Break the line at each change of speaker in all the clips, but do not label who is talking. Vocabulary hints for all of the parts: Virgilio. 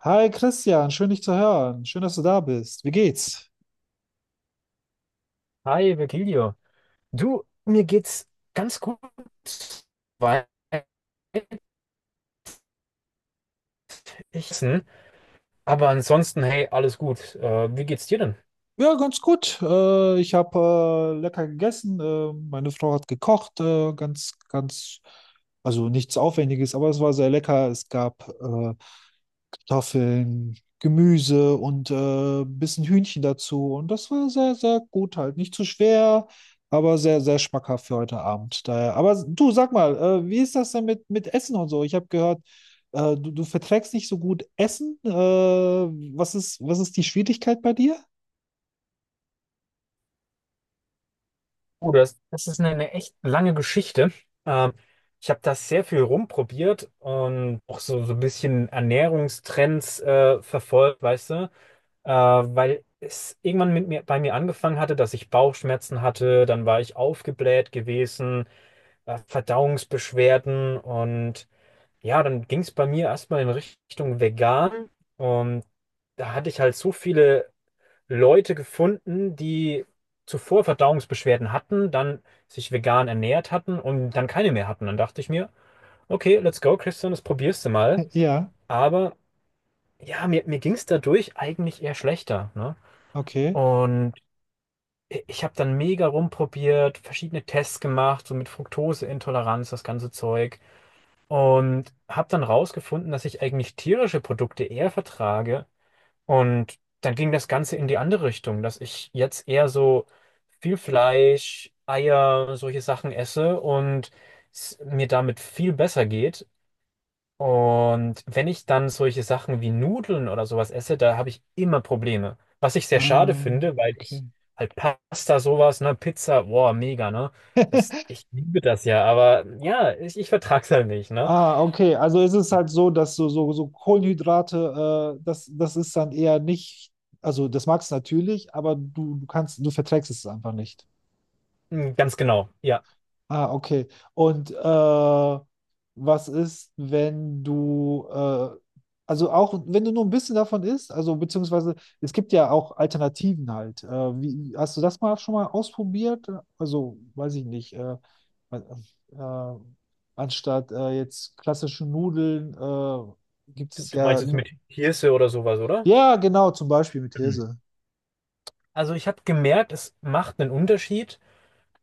Hi Christian, schön dich zu hören. Schön, dass du da bist. Wie geht's?
Hi, Virgilio. Du, mir geht's ganz gut weit. Ich, aber ansonsten, hey, alles gut. Wie geht's dir denn?
Ja, ganz gut. Ich habe lecker gegessen. Meine Frau hat gekocht. Also nichts Aufwendiges, aber es war sehr lecker. Es gab Kartoffeln, Gemüse und ein bisschen Hühnchen dazu. Und das war sehr, sehr gut halt. Nicht zu schwer, aber sehr, sehr schmackhaft für heute Abend. Daher. Aber du, sag mal, wie ist das denn mit Essen und so? Ich habe gehört, du verträgst nicht so gut Essen. Was ist die Schwierigkeit bei dir?
Oh, das ist eine echt lange Geschichte. Ähm, Ich habe das sehr viel rumprobiert und auch so ein bisschen Ernährungstrends verfolgt, weißt du? Weil es irgendwann bei mir angefangen hatte, dass ich Bauchschmerzen hatte, dann war ich aufgebläht gewesen, Verdauungsbeschwerden und ja, dann ging es bei mir erstmal in Richtung vegan, und da hatte ich halt so viele Leute gefunden, die zuvor Verdauungsbeschwerden hatten, dann sich vegan ernährt hatten und dann keine mehr hatten. Dann dachte ich mir, okay, let's go, Christian, das probierst du mal.
Ja,
Aber ja, mir ging es dadurch eigentlich eher schlechter, ne?
okay.
Und ich habe dann mega rumprobiert, verschiedene Tests gemacht, so mit Fructoseintoleranz, das ganze Zeug. Und habe dann rausgefunden, dass ich eigentlich tierische Produkte eher vertrage. Und dann ging das Ganze in die andere Richtung, dass ich jetzt eher so viel Fleisch, Eier, solche Sachen esse und es mir damit viel besser geht. Und wenn ich dann solche Sachen wie Nudeln oder sowas esse, da habe ich immer Probleme. Was ich sehr schade
Ah,
finde, weil
okay.
ich halt Pasta, sowas, ne, Pizza, boah, mega, ne? Das, ich liebe das ja, aber ja, ich vertrag's halt nicht, ne?
Ah, okay. Also ist es halt so, dass so Kohlenhydrate, das ist dann eher nicht, also das magst du natürlich, aber du verträgst es einfach nicht.
Mm, ganz genau, ja.
Ah, okay. Und was ist, wenn also auch wenn du nur ein bisschen davon isst, also beziehungsweise es gibt ja auch Alternativen halt. Hast du das mal schon mal ausprobiert? Also, weiß ich nicht, äh, äh, anstatt jetzt klassische Nudeln gibt
Du,
es
du meinst
ja,
jetzt mit Hirse oder sowas, oder?
Ja, genau, zum Beispiel mit
Mhm.
Hirse.
Also ich habe gemerkt, es macht einen Unterschied,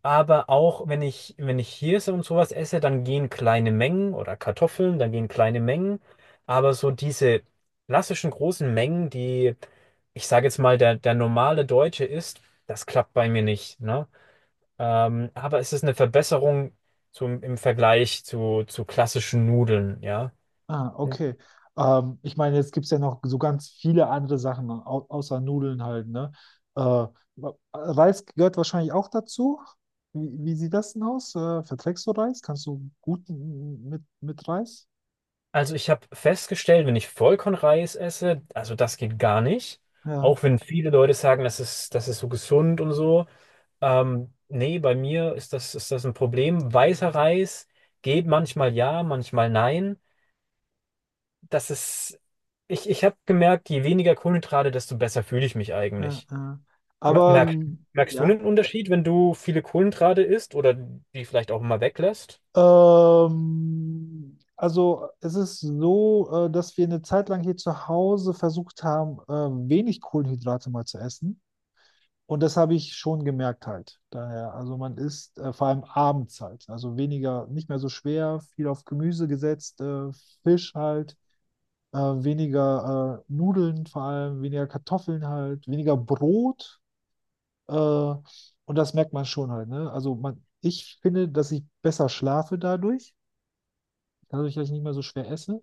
aber auch wenn ich, wenn ich Hirse und sowas esse, dann gehen kleine Mengen oder Kartoffeln, dann gehen kleine Mengen. Aber so diese klassischen großen Mengen, die, ich sage jetzt mal, der normale Deutsche isst, das klappt bei mir nicht, ne? Aber es ist eine Verbesserung zum, im Vergleich zu klassischen Nudeln, ja.
Ah, okay. Ich meine, jetzt gibt es ja noch so ganz viele andere Sachen, au außer Nudeln halt, ne? Äh, Reis gehört wahrscheinlich auch dazu. Wie sieht das denn aus? Verträgst du Reis? Kannst du gut mit Reis?
Also ich habe festgestellt, wenn ich Vollkornreis esse, also das geht gar nicht.
Ja,
Auch wenn viele Leute sagen, das ist so gesund und so. Nee, bei mir ist das ein Problem. Weißer Reis geht manchmal ja, manchmal nein. Das ist, ich habe gemerkt, je weniger Kohlenhydrate, desto besser fühle ich mich
ja,
eigentlich.
ja.
Mer-
Aber
Merkst, merkst du einen
ja.
Unterschied, wenn du viele Kohlenhydrate isst oder die vielleicht auch mal weglässt?
Also es ist so, dass wir eine Zeit lang hier zu Hause versucht haben, wenig Kohlenhydrate mal zu essen. Und das habe ich schon gemerkt halt. Daher, also man isst vor allem abends halt. Also weniger, nicht mehr so schwer, viel auf Gemüse gesetzt, Fisch halt, weniger Nudeln vor allem, weniger Kartoffeln halt, weniger Brot. Und das merkt man schon halt, ne? Also man, ich finde, dass ich besser schlafe dadurch, dadurch, dass ich nicht mehr so schwer esse.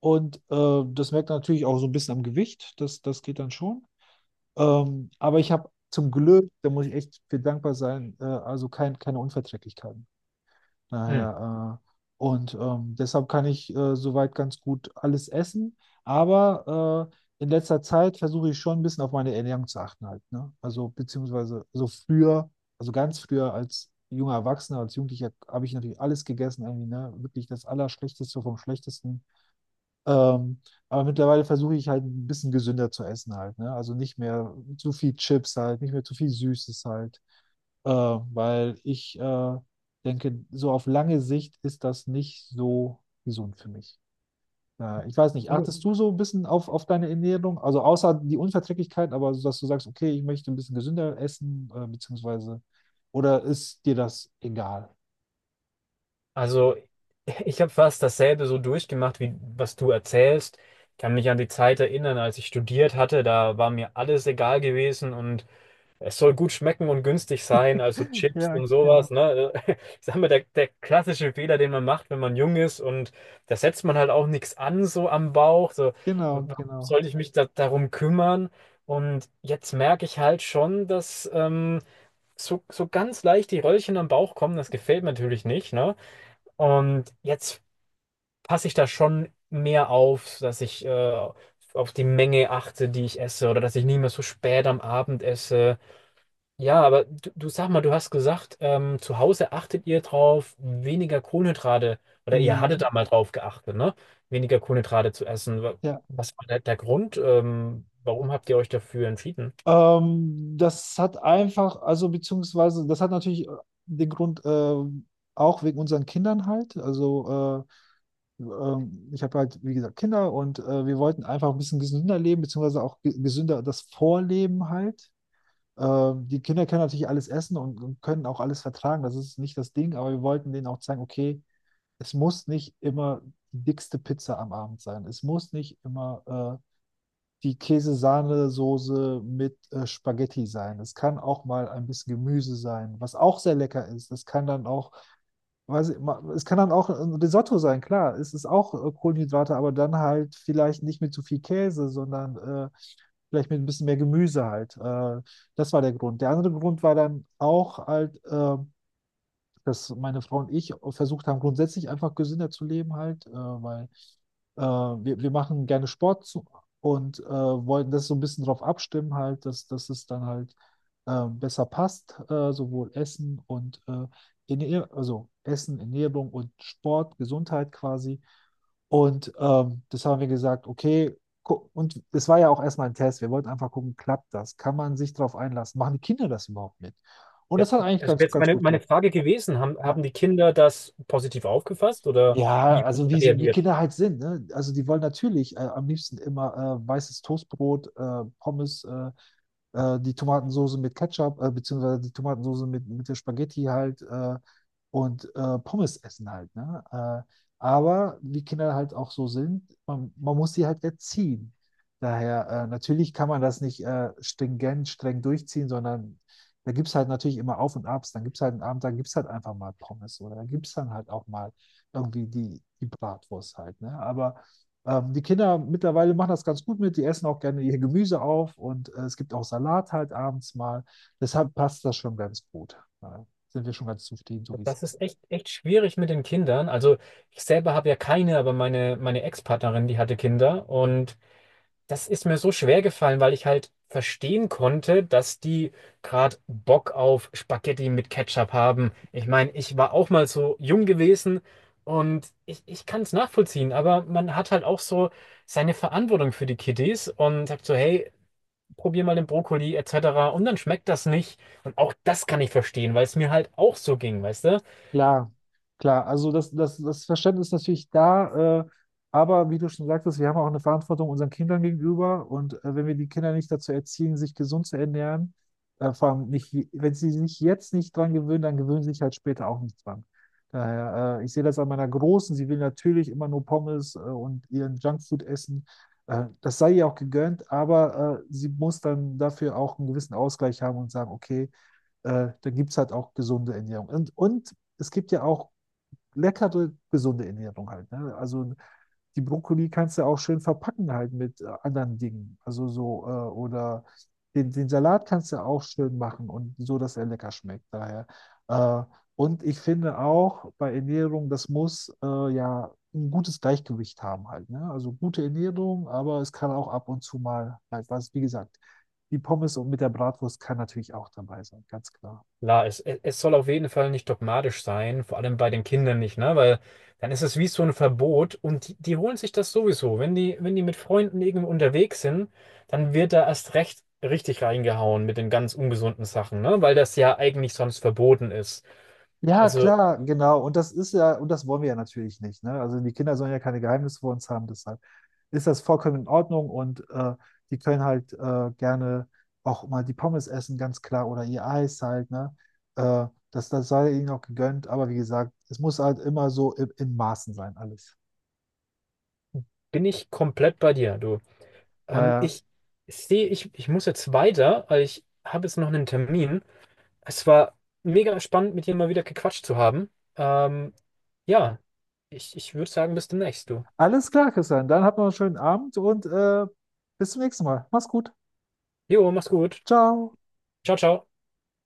Und das merkt man natürlich auch so ein bisschen am Gewicht. Das geht dann schon. Aber ich habe zum Glück, da muss ich echt für dankbar sein, keine Unverträglichkeiten.
Hm.
Daher, und deshalb kann ich soweit ganz gut alles essen. Aber in letzter Zeit versuche ich schon ein bisschen auf meine Ernährung zu achten halt, ne? Also beziehungsweise so früher, also ganz früher als junger Erwachsener, als Jugendlicher habe ich natürlich alles gegessen, irgendwie, ne? Wirklich das Allerschlechteste vom Schlechtesten. Ähm, aber mittlerweile versuche ich halt ein bisschen gesünder zu essen halt, ne? Also nicht mehr zu viel Chips halt, nicht mehr zu viel Süßes halt, weil ich denke, so auf lange Sicht ist das nicht so gesund für mich. Ich weiß nicht,
Absolut.
achtest du so ein bisschen auf deine Ernährung? Also außer die Unverträglichkeit, aber so, dass du sagst, okay, ich möchte ein bisschen gesünder essen, beziehungsweise, oder ist dir das egal?
Also, ich habe fast dasselbe so durchgemacht, wie was du erzählst. Ich kann mich an die Zeit erinnern, als ich studiert hatte, da war mir alles egal gewesen, und es soll gut schmecken und günstig sein, also Chips
Ja,
und
genau.
sowas, ne? Ich sag mal, der klassische Fehler, den man macht, wenn man jung ist, und da setzt man halt auch nichts an, so am Bauch, so,
Genau,
warum
genau.
soll ich mich darum kümmern? Und jetzt merke ich halt schon, dass so, so ganz leicht die Röllchen am Bauch kommen, das gefällt mir natürlich nicht, ne? Und jetzt passe ich da schon mehr auf, dass ich auf die Menge achte, die ich esse, oder dass ich nicht mehr so spät am Abend esse. Ja, aber du sag mal, du hast gesagt, zu Hause achtet ihr drauf, weniger Kohlenhydrate, oder ihr hattet
Mhm.
da mal drauf geachtet, ne? Weniger Kohlenhydrate zu essen. Wa-
Ja.
Was war der Grund? Warum habt ihr euch dafür entschieden?
Das hat einfach, also beziehungsweise, das hat natürlich den Grund, auch wegen unseren Kindern halt. Also ich habe halt, wie gesagt, Kinder und wir wollten einfach ein bisschen gesünder leben, beziehungsweise auch gesünder das Vorleben halt. Die Kinder können natürlich alles essen und können auch alles vertragen, das ist nicht das Ding, aber wir wollten denen auch zeigen, okay, es muss nicht immer die dickste Pizza am Abend sein. Es muss nicht immer äh, die Käse-Sahne-Soße mit Spaghetti sein. Es kann auch mal ein bisschen Gemüse sein, was auch sehr lecker ist. Es kann dann auch, weiß ich, es kann dann auch ein Risotto sein, klar. Es ist auch Kohlenhydrate, aber dann halt vielleicht nicht mit zu viel Käse, sondern vielleicht mit ein bisschen mehr Gemüse halt. Das war der Grund. Der andere Grund war dann auch halt, dass meine Frau und ich versucht haben, grundsätzlich einfach gesünder zu leben halt, wir machen gerne Sport zu, und wollten das so ein bisschen drauf abstimmen, halt, dass es dann halt besser passt, sowohl Essen und Ernähr also Essen, Ernährung und Sport, Gesundheit quasi. Und das haben wir gesagt, okay, und es war ja auch erstmal ein Test. Wir wollten einfach gucken, klappt das? Kann man sich darauf einlassen? Machen die Kinder das überhaupt mit? Und
Ja,
das hat eigentlich
das wäre
ganz,
jetzt
ganz
meine,
gut
meine
geklappt.
Frage gewesen. Haben die Kinder das positiv aufgefasst oder
Ja,
wie haben
also
sie
wie, so, wie
reagiert?
Kinder halt sind, ne? Also die wollen natürlich am liebsten immer weißes Toastbrot, die Tomatensoße mit Ketchup, beziehungsweise die Tomatensoße mit der Spaghetti halt und Pommes essen halt, ne? Aber wie Kinder halt auch so sind, man muss sie halt erziehen. Daher, natürlich kann man das nicht streng durchziehen, sondern da gibt es halt natürlich immer Auf und Abs. Dann gibt es halt einen Abend, dann gibt es halt einfach mal Pommes oder da gibt es dann halt auch mal irgendwie die Bratwurst halt, ne? Aber die Kinder mittlerweile machen das ganz gut mit, die essen auch gerne ihr Gemüse auf und es gibt auch Salat halt abends mal. Deshalb passt das schon ganz gut. Da sind wir schon ganz zufrieden, so wie es
Das
ist.
ist echt, echt schwierig mit den Kindern. Also ich selber habe ja keine, aber meine Ex-Partnerin, die hatte Kinder. Und das ist mir so schwer gefallen, weil ich halt verstehen konnte, dass die gerade Bock auf Spaghetti mit Ketchup haben. Ich meine, ich war auch mal so jung gewesen, und ich kann es nachvollziehen, aber man hat halt auch so seine Verantwortung für die Kiddies und sagt so, hey, probier mal den Brokkoli etc. Und dann schmeckt das nicht. Und auch das kann ich verstehen, weil es mir halt auch so ging, weißt du?
Klar, klar. Also das Verständnis ist natürlich da, aber wie du schon sagtest, wir haben auch eine Verantwortung unseren Kindern gegenüber und wenn wir die Kinder nicht dazu erziehen, sich gesund zu ernähren, vor allem nicht, wenn sie sich jetzt nicht dran gewöhnen, dann gewöhnen sie sich halt später auch nicht dran. Daher, ich sehe das an meiner Großen, sie will natürlich immer nur Pommes und ihren Junkfood essen. Das sei ihr auch gegönnt, aber sie muss dann dafür auch einen gewissen Ausgleich haben und sagen, okay, dann gibt es halt auch gesunde Ernährung. Und es gibt ja auch leckere, gesunde Ernährung halt. Ne? Also die Brokkoli kannst du auch schön verpacken halt mit anderen Dingen. Also so, oder den Salat kannst du auch schön machen und so, dass er lecker schmeckt. Daher. Äh, und ich finde auch bei Ernährung, das muss ja ein gutes Gleichgewicht haben halt. Ne? Also gute Ernährung, aber es kann auch ab und zu mal halt was, wie gesagt, die Pommes und mit der Bratwurst kann natürlich auch dabei sein, ganz klar.
Klar, es es soll auf jeden Fall nicht dogmatisch sein, vor allem bei den Kindern nicht, ne? Weil dann ist es wie so ein Verbot, und die holen sich das sowieso. Wenn wenn die mit Freunden irgendwo unterwegs sind, dann wird da erst recht richtig reingehauen mit den ganz ungesunden Sachen, ne? Weil das ja eigentlich sonst verboten ist.
Ja,
Also
klar, genau. Und das ist ja, und das wollen wir ja natürlich nicht. Ne? Also die Kinder sollen ja keine Geheimnisse vor uns haben, deshalb ist das vollkommen in Ordnung und die können halt gerne auch mal die Pommes essen, ganz klar, oder ihr Eis halt, ne? Das, das sei ihnen auch gegönnt, aber wie gesagt, es muss halt immer so in Maßen sein, alles.
bin ich komplett bei dir, du.
Naja.
Ich sehe, ich muss jetzt weiter, weil ich habe jetzt noch einen Termin. Es war mega spannend, mit dir mal wieder gequatscht zu haben. Ähm, ja, ich würde sagen, bis demnächst, du.
Alles klar, Christian. Dann habt noch einen schönen Abend und bis zum nächsten Mal. Mach's gut.
Jo, mach's gut.
Ciao.
Ciao, ciao.